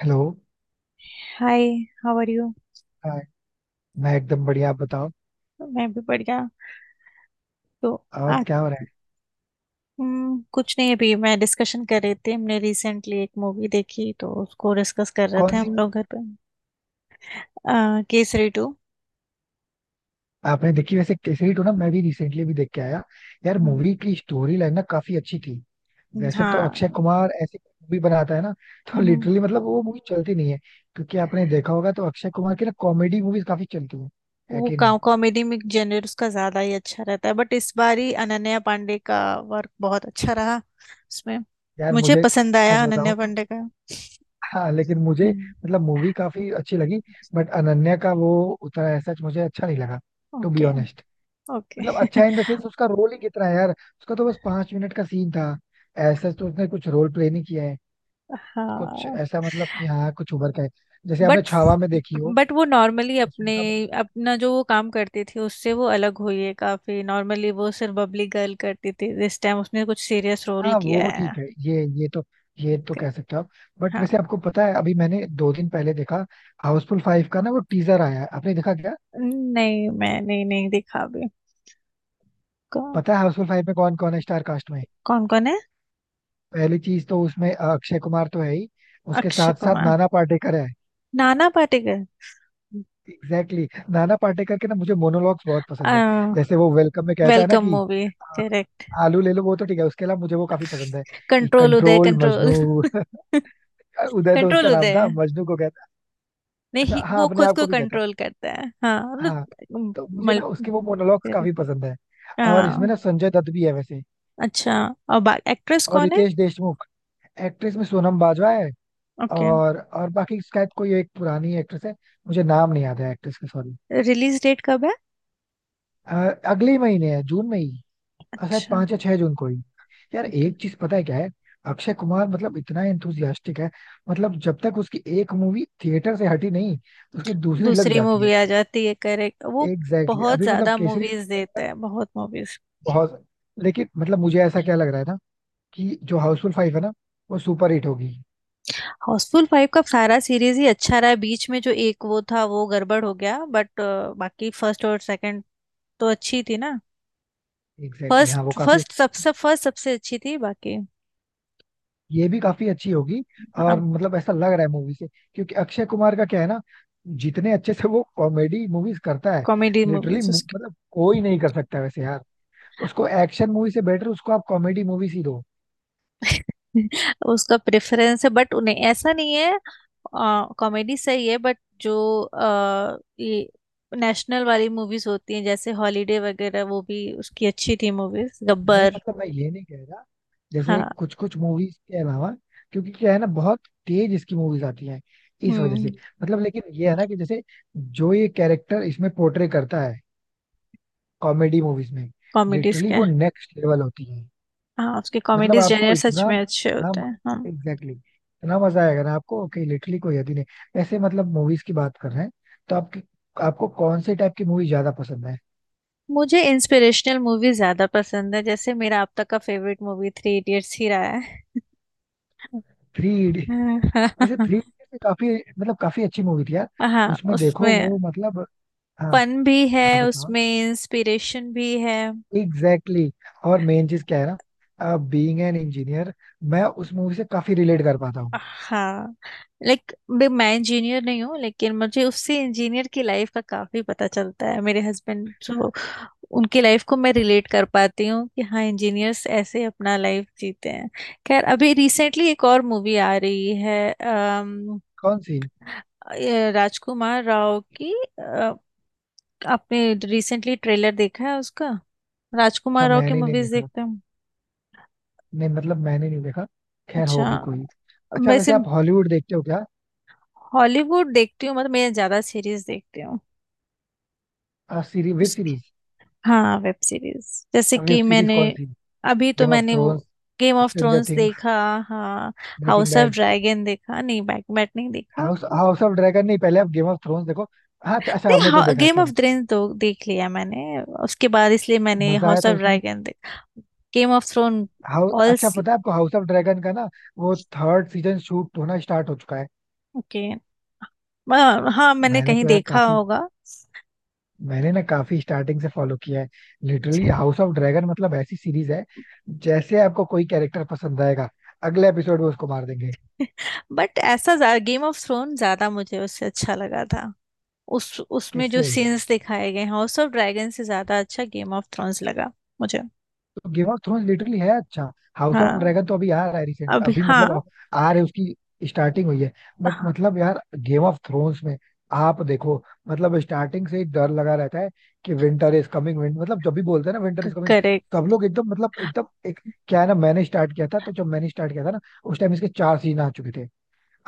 Hello. Hi. How are you? Hi. मैं एकदम बढ़िया. आप बताओ. मैं भी बढ़िया। तो और आज क्या हो रहा है? कुछ नहीं, अभी मैं डिस्कशन कर रही थी। हमने रिसेंटली एक मूवी देखी तो उसको डिस्कस कर रहे थे कौन सी? हम लोग घर पे। केसरी टू। आपने देखी वैसे केसरी टू? ना, मैं भी रिसेंटली भी देख के आया. यार, मूवी की स्टोरी लाइन ना काफी अच्छी थी. वैसे तो अक्षय हाँ। कुमार ऐसी मूवी बनाता है ना. तो लिटरली हम्म, मतलब वो मूवी चलती नहीं है. क्योंकि आपने देखा होगा तो अक्षय कुमार की ना कॉमेडी मूवीज काफी चलती हैं. है वो कि नहीं? कॉमेडी में जेनर उसका ज्यादा ही अच्छा रहता है, बट इस बार ही अनन्या पांडे का वर्क बहुत अच्छा रहा उसमें। यार, मुझे मुझे पसंद आया सच बताऊं अनन्या तो, पांडे का। हाँ, लेकिन मुझे हम्म। मतलब मूवी काफी अच्छी लगी. बट अनन्या का वो उतना ऐसा मुझे अच्छा नहीं लगा, to be okay. Honest. Okay. मतलब अच्छा इन द सेंस, उसका रोल ही कितना है यार. उसका तो बस 5 मिनट का सीन था. ऐसा तो उसने कुछ रोल प्ले नहीं किया है. कुछ हाँ। ऐसा मतलब कि हाँ, कुछ उभर का है, जैसे आपने बट छावा में देखी हो. बट वो नॉर्मली उसमें अपने का. अपना जो वो काम करती थी उससे वो अलग हुई है। काफी नॉर्मली वो सिर्फ बबली गर्ल करती थी, दिस टाइम उसने कुछ सीरियस रोल हाँ किया वो है। ठीक है. ये तो Okay। कह सकते हो आप. बट हाँ। वैसे आपको पता है, अभी मैंने 2 दिन पहले देखा हाउसफुल फाइव का ना, वो टीजर आया है, आपने देखा क्या? नहीं, मैं नहीं नहीं दिखा भी। कौन? पता है हाउसफुल फाइव में कौन कौन है स्टार कास्ट में? कौन कौन है? पहली चीज तो उसमें अक्षय कुमार तो है ही. उसके अक्षय साथ साथ कुमार। नाना पाटेकर है. नाना पाटेकर। Exactly exactly. नाना पाटेकर के ना मुझे मोनोलॉग्स बहुत पसंद है. जैसे वो वेलकम में कहता है ना वेलकम कि मूवी। आ, करेक्ट। आलू ले लो. वो तो ठीक है, उसके अलावा मुझे वो काफी पसंद है. कि control Uday control control. Majnu. उदय तो उसका कंट्रोल नाम उदय। था, मजनू को कहता है. अच्छा, नहीं, हाँ, वो अपने खुद आप को को भी कहता है. कंट्रोल करता है, हाँ, हाँ, मतलब तो मुझे ना उसके वो मोनोलॉग्स correct। काफी पसंद है. और इसमें हाँ। ना संजय दत्त भी है वैसे. अच्छा। अब एक्ट्रेस और कौन है? रितेश देशमुख. एक्ट्रेस में सोनम बाजवा है. ओके। और बाकी शायद कोई एक पुरानी एक्ट्रेस है, मुझे नाम नहीं याद है एक्ट्रेस का, सॉरी. रिलीज डेट कब है? अगले ही महीने है, जून में ही. और शायद अच्छा। 5 या 6 जून को ही. यार, ओके। एक चीज पता है क्या है? अक्षय कुमार मतलब इतना एंथुजियास्टिक है, मतलब जब तक उसकी एक मूवी थिएटर से हटी नहीं, उसकी दूसरी लग दूसरी जाती है. मूवी आ जाती है, करेक्ट, वो एग्जैक्टली exactly. बहुत अभी मतलब ज्यादा केसरी मूवीज टू. देते हैं, बहुत मूवीज। बहुत. लेकिन मतलब मुझे ऐसा क्या लग रहा है ना, कि जो हाउसफुल फाइव है ना, वो सुपर हिट होगी. हाउसफुल फाइव का सारा सीरीज ही अच्छा रहा है, बीच में जो एक वो था वो गड़बड़ हो गया, बट बाकी फर्स्ट और सेकंड तो अच्छी थी ना। एग्जैक्टली exactly, हाँ, वो फर्स्ट काफी. फर्स्ट सबसे अच्छी थी बाकी। ये भी काफी अच्छी होगी और अब मतलब ऐसा लग रहा है मूवी से. क्योंकि अक्षय कुमार का क्या है ना, जितने अच्छे से वो कॉमेडी मूवीज करता है, कॉमेडी लिटरली मूवीज उसकी। मतलब कोई नहीं कर सकता वैसे यार. उसको एक्शन मूवी से बेटर उसको आप कॉमेडी मूवीज ही दो. उसका प्रेफरेंस है, बट उन्हें ऐसा नहीं है। कॉमेडी सही है, बट जो ये नेशनल वाली मूवीज होती हैं जैसे हॉलीडे वगैरह, वो भी उसकी अच्छी थी मूवीज, नहीं गब्बर। मतलब मैं ये नहीं कह रहा, जैसे हाँ। कुछ कुछ मूवीज के अलावा. क्योंकि क्या है ना, बहुत तेज इसकी मूवीज आती हैं, इस वजह हम्म से. मतलब लेकिन ये है ना कि जैसे, जो ये कैरेक्टर इसमें पोर्ट्रे करता है कॉमेडी मूवीज में, कॉमेडीज लिटरली के वो नेक्स्ट लेवल होती है. हाँ, उसके मतलब कॉमेडीज आपको जेनर सच इतना, में अच्छे हाँ, होते हैं। हाँ। एग्जैक्टली इतना मजा आएगा ना आपको कि लिटरली कोई हद ही नहीं, ऐसे मतलब मूवीज की बात कर रहे हैं. तो आपकी, आपको कौन से टाइप की मूवी ज्यादा पसंद है? मुझे इंस्पिरेशनल मूवी ज्यादा पसंद है जैसे मेरा अब तक का फेवरेट मूवी थ्री इडियट्स ही रहा है। थ्री. वैसे थ्री इडियट्स काफी, मतलब काफी अच्छी मूवी थी यार. हाँ, उसमें देखो उसमें वो मतलब, हाँ, फन भी है, हाँ बताओ. उसमें इंस्पिरेशन भी है। Exactly exactly. और मेन चीज क्या है ना, बीइंग एन इंजीनियर, मैं उस मूवी से काफी रिलेट कर पाता हूँ. हाँ। लाइक, मैं इंजीनियर नहीं हूँ लेकिन मुझे उससे इंजीनियर की लाइफ का काफी पता चलता है, मेरे हस्बैंड जो, उनकी लाइफ को मैं रिलेट कर पाती हूँ कि हाँ, इंजीनियर्स ऐसे अपना लाइफ जीते हैं। खैर, अभी रिसेंटली एक और मूवी आ रही है, कौन सी? ये राजकुमार राव की। अ, आपने रिसेंटली ट्रेलर देखा है उसका? अच्छा, राजकुमार राव की मैंने नहीं मूवीज देखा. देखते हैं? नहीं मतलब मैंने नहीं देखा, खैर अच्छा। होगी कोई. अच्छा, वैसे वैसे आप हॉलीवुड देखते हो क्या? हॉलीवुड देखती हूँ, मतलब मैं ज्यादा सीरीज देखती हूँ। Web series. हाँ, वेब सीरीज। जैसे वेब कि सीरीज मैंने, कौन सी? अभी तो गेम ऑफ मैंने वो Thrones. Game of Stranger Thrones Things. देखा। हाँ। Breaking House of Bad. Dragon देखा नहीं, बैकमैट नहीं देखा, हाउस हाउस ऑफ ड्रैगन नहीं, पहले आप गेम ऑफ थ्रोन्स देखो. हाँ, अच्छा अच्छा, आपने तो नहीं, देखा है, गेम ऑफ सॉरी. थ्रोन्स तो देख लिया मैंने, उसके बाद इसलिए मैंने मजा आया हाउस था ऑफ उसमें? ड्रैगन देखा। Game of Throne. How, all. अच्छा, पता है आपको हाउस ऑफ ड्रैगन का ना, वो थर्ड सीजन शूट होना स्टार्ट हो चुका है. ओके। हाँ, हाँ, मैंने मैंने कहीं तो यार देखा काफी, होगा। मैंने ना काफी स्टार्टिंग से फॉलो किया है. लिटरली हाउस ऑफ ड्रैगन मतलब ऐसी सीरीज है, जैसे आपको कोई कैरेक्टर पसंद आएगा, अगले एपिसोड में उसको मार देंगे. बट ऐसा, गेम ऑफ थ्रोन ज्यादा मुझे उससे अच्छा लगा था। उस उसमें जो किससे? सीन्स दिखाए गए हाउस ऑफ ड्रैगन से ज्यादा अच्छा गेम ऑफ थ्रोन्स लगा मुझे। गेम ऑफ थ्रोन्स लिटरली है अच्छा. हाउस ऑफ हाँ। ड्रैगन तो अभी आ रहा है, रिसेंटली अभी अभी हाँ। मतलब आ आ रहे उसकी स्टार्टिंग हुई है. बट मतलब यार, गेम ऑफ थ्रोन्स में आप देखो, मतलब स्टार्टिंग से ही डर लगा रहता है कि विंटर इज कमिंग. विंट मतलब जब भी बोलते हैं ना, विंटर इज कमिंग, करेक्ट। सब लोग एकदम मतलब एकदम एक. क्या है ना, मैंने स्टार्ट किया था, तो जब मैंने स्टार्ट किया था ना, उस टाइम इसके 4 सीजन आ चुके थे.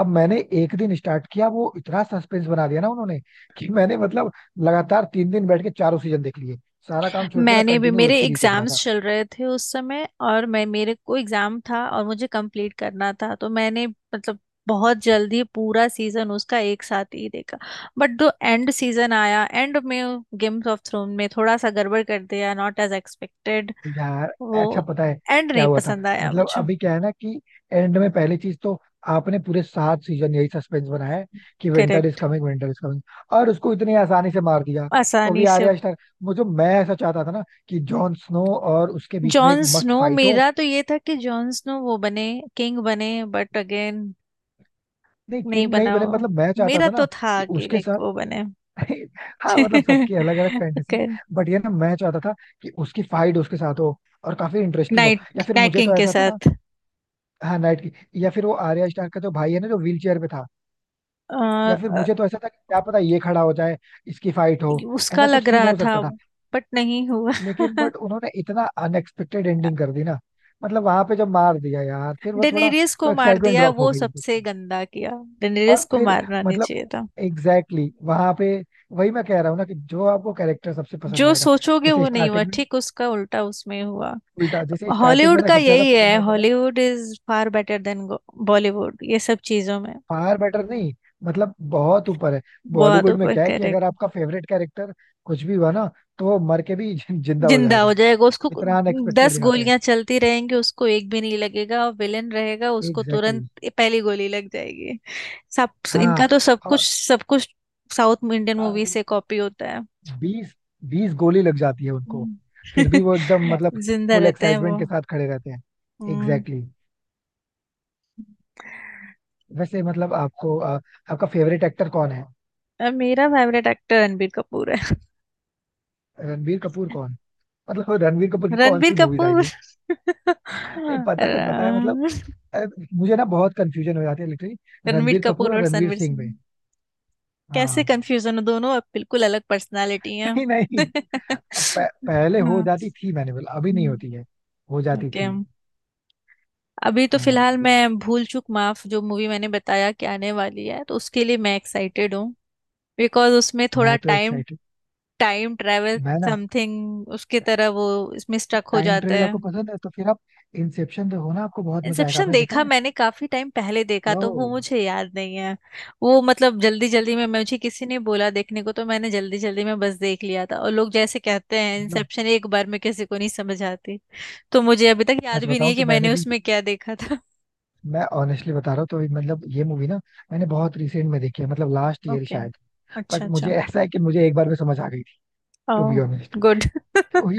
अब मैंने एक दिन स्टार्ट किया, वो इतना सस्पेंस बना दिया ना उन्होंने, कि मैंने मतलब लगातार 3 दिन बैठ के चारों सीजन देख लिए. सारा काम छोड़ के मैं मैंने भी, कंटिन्यू वेब मेरे सीरीज देख रहा था. एग्जाम्स चल रहे थे उस समय, और मैं, मेरे को एग्जाम था और मुझे कंप्लीट करना था तो मैंने मतलब बहुत जल्दी पूरा सीजन उसका एक साथ ही देखा। बट जो एंड सीजन आया, एंड में गेम्स ऑफ थ्रोन में थोड़ा सा गड़बड़ कर दिया, नॉट एज एक्सपेक्टेड। यार, अच्छा वो पता है एंड क्या नहीं हुआ था? पसंद आया मतलब मुझे। अभी क्या है ना कि, एंड में पहली चीज तो, आपने पूरे 7 सीजन यही सस्पेंस बनाया है कि winter is correct. Coming, winter is coming. और उसको इतनी आसानी से मार दिया, वो भी आसानी से। आर्या स्टार. मुझे, मैं ऐसा चाहता था ना, कि जॉन स्नो और उसके बीच में एक जॉन मस्त स्नो, फाइट हो. मेरा तो ये था कि जॉन स्नो वो बने, किंग बने, बट अगेन। नहीं नहीं किंग नहीं बने, बनाओ। मतलब मैं चाहता मेरा था ना तो कि था कि उसके लाइक साथ. वो बने। हाँ, मतलब सबकी अलग अलग फैंटेसी. ओके। बट ये ना मैं चाहता था कि उसकी फाइट उसके साथ हो और काफी इंटरेस्टिंग हो, नाइट या फिर नाइट मुझे किंग तो के ऐसा था ना, साथ। हाँ नाइट की, या फिर वो आर्या स्टार का जो भाई है ना, जो व्हील चेयर पे था, अ, या फिर अ, मुझे तो ऐसा था कि क्या पता ये खड़ा हो जाए, इसकी फाइट हो, उसका ऐसा कुछ लग सीन रहा हो था, सकता था. बट नहीं हुआ। लेकिन बट उन्होंने इतना अनएक्सपेक्टेड एंडिंग कर दी ना, मतलब वहां पे जब मार दिया यार, फिर वो थोड़ा, डेनेरियस वो को मार एक्साइटमेंट दिया, ड्रॉप हो वो गई. सबसे गंदा किया। डेनेरियस और को फिर मारना नहीं मतलब, चाहिए था। एग्जैक्टली exactly, वहां पे वही मैं कह रहा हूँ ना कि जो आपको कैरेक्टर सबसे पसंद जो आएगा, सोचोगे जैसे वो नहीं हुआ, स्टार्टिंग में, ठीक उसका उल्टा उसमें हुआ। उल्टा जैसे स्टार्टिंग में हॉलीवुड ना का सबसे ज्यादा यही पसंद है, आता था. Hollywood is far better than Bollywood ये सब चीजों में। फार बेटर नहीं, मतलब बहुत ऊपर है. बहुत बॉलीवुड में ऊपर। क्या है कि अगर आपका फेवरेट कैरेक्टर कुछ भी हुआ ना, तो वो मर के भी जिंदा हो जिंदा हो जाएगा. जाएगा उसको। इतना अनएक्सपेक्टेड दस दिखाते हैं. गोलियां चलती रहेंगी, उसको एक भी नहीं लगेगा, और विलेन रहेगा, उसको एग्जैक्टली तुरंत exactly. पहली गोली लग जाएगी, सब। इनका हाँ. तो सब कुछ, और सब कुछ साउथ इंडियन मूवी से कॉपी होता है। बीस बीस गोली लग जाती है उनको, हम्म। फिर भी वो एकदम मतलब जिंदा फुल रहते हैं वो। एक्साइटमेंट के साथ खड़े रहते हैं. हम्म। Exactly exactly. वैसे मतलब आपको आपका फेवरेट एक्टर कौन है? मेरा फेवरेट एक्टर रणबीर कपूर है। रणबीर कपूर कौन? मतलब रणबीर कपूर की कौन रणबीर सी मूवीज आई कपूर। नहीं. नहीं पता है, पता है, मतलब अ, मुझे ना बहुत कंफ्यूजन हो जाती है लिटरली. रणबीर रणबीर कपूर कपूर और और रणवीर रणवीर सिंह सिंह। में, कैसे हाँ. कंफ्यूजन हो? दोनों अब बिल्कुल अलग पर्सनालिटी हैं। नहीं नहीं, अब पहले हो हाँ। जाती थी, मैंने बोला अभी नहीं होती है, हो जाती ओके। थी. अभी तो फिलहाल हाँ. मैं भूल चूक माफ, जो मूवी मैंने बताया कि आने वाली है तो उसके लिए मैं एक्साइटेड हूँ, बिकॉज उसमें थोड़ा मैं तो टाइम एक्साइटेड. टाइम ट्रैवल मैं ना, समथिंग उसकी तरह, वो इसमें स्टक हो टाइम जाता ट्रेवल है। आपको पसंद है तो फिर आप इंसेप्शन तो हो ना, आपको बहुत मजा आएगा. इंसेप्शन आपने देखा देखा है? मैंने, काफी टाइम पहले देखा ओ. तो वो मुझे याद नहीं है। वो मतलब जल्दी जल्दी में मुझे किसी ने बोला देखने को, तो मैंने जल्दी जल्दी में बस देख लिया था, और लोग जैसे कहते हैं मतलब इंसेप्शन एक बार में किसी को नहीं समझ आती। तो मुझे अभी तक याद सच भी नहीं है बताऊं तो, कि मैंने मैंने भी, उसमें क्या देखा था। मैं ऑनेस्टली बता रहा हूँ तो मतलब ये मूवी ना, मैंने बहुत रिसेंट में देखी है मतलब, लास्ट ईयर ओके। शायद. अच्छा, बट मुझे अच्छा। ऐसा है कि मुझे एक बार में समझ आ गई थी, to be oh. Honest. Good.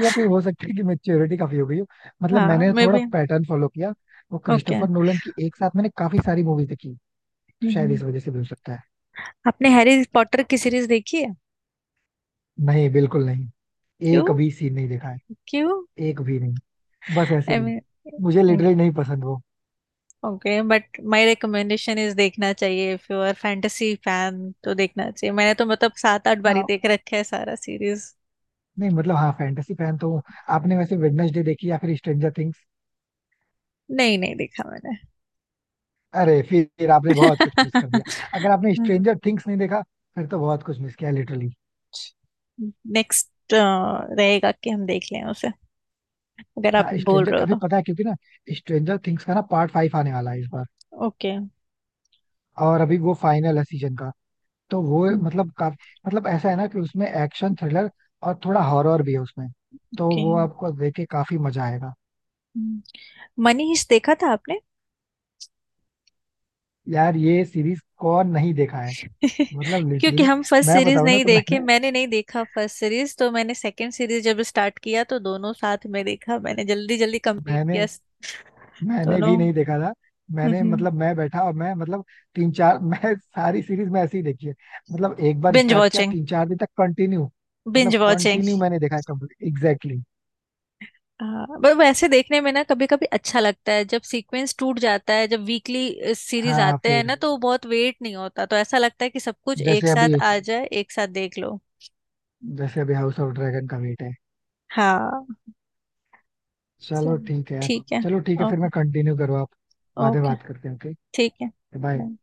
या फिर हो सकता है कि मेच्योरिटी काफी हो गई हो. मतलब हाँ, मैंने मे थोड़ा बी। पैटर्न फॉलो किया, वो ओके। क्रिस्टोफर नोलन की एक साथ मैंने काफी सारी मूवीज देखी, तो शायद इस वजह से भी हो सकता है. आपने हैरी पॉटर की सीरीज देखी है? नहीं, बिल्कुल नहीं. क्यों? एक भी सीन नहीं देखा है. क्यों? एक भी नहीं. बस ऐसे आई ही. मुझे लिटरली मीन, नहीं पसंद वो. Okay, but my recommendation is, देखना चाहिए। If you are fantasy fan तो देखना चाहिए, मैंने तो मतलब सात आठ बारी हाँ. देख रखे है सारा सीरीज। नहीं मतलब, हाँ, फैंटेसी फैन तो हूँ. आपने वैसे वेडनेसडे देखी या फिर स्ट्रेंजर थिंग्स? नहीं, नहीं देखा मैंने। अरे, फिर आपने बहुत कुछ मिस कर दिया. अगर आपने स्ट्रेंजर थिंग्स नहीं देखा, फिर तो बहुत कुछ मिस किया लिटरली. नेक्स्ट रहेगा कि हम देख लें उसे, अगर आप हाँ, बोल रहे स्ट्रेंजर हो अभी तो। पता है, क्योंकि ना स्ट्रेंजर थिंग्स का ना पार्ट फाइव आने वाला है इस बार, ओके। और अभी वो फाइनल है सीजन का. तो वो मतलब काफी, मतलब ऐसा है ना कि उसमें एक्शन थ्रिलर और थोड़ा हॉरर भी है उसमें, तो ओके। वो आपको देख के काफी मजा आएगा. मनीष देखा था आपने? यार, ये सीरीज कौन नहीं देखा है, मतलब क्योंकि लिटरली. हम फर्स्ट मैं सीरीज बताऊं ना, नहीं तो देखे, मैंने मैंने नहीं देखा फर्स्ट सीरीज, तो मैंने सेकंड सीरीज जब स्टार्ट किया तो दोनों साथ में देखा, मैंने जल्दी जल्दी कंप्लीट किया। मैंने मैंने भी दोनों। नहीं देखा था. मैंने मतलब, मैं बैठा और मैं मतलब तीन चार, मैं सारी सीरीज मैं ऐसे ही देखी है. मतलब एक बार बिंज स्टार्ट किया, वॉचिंग। 3 4 दिन तक कंटिन्यू, मतलब बिंज वॉचिंग। कंटिन्यू मैंने देखा है कंप्लीट, एग्जैक्टली. पर वैसे देखने में ना कभी कभी अच्छा लगता है जब सीक्वेंस टूट जाता है, जब वीकली सीरीज हाँ आते हैं फिर, ना तो वो बहुत वेट नहीं होता, तो ऐसा लगता है कि सब कुछ एक जैसे अभी, साथ आ जाए, एक साथ देख लो। जैसे अभी हाउस ऑफ ड्रैगन का वेट है. हाँ। चलो चलो, ठीक है यार. ठीक है। चलो ठीक है, फिर ओके। मैं कंटिन्यू करूँ, आप बाद में ओके। बात करते हैं. ओके. ठीक है। बाय. Bye।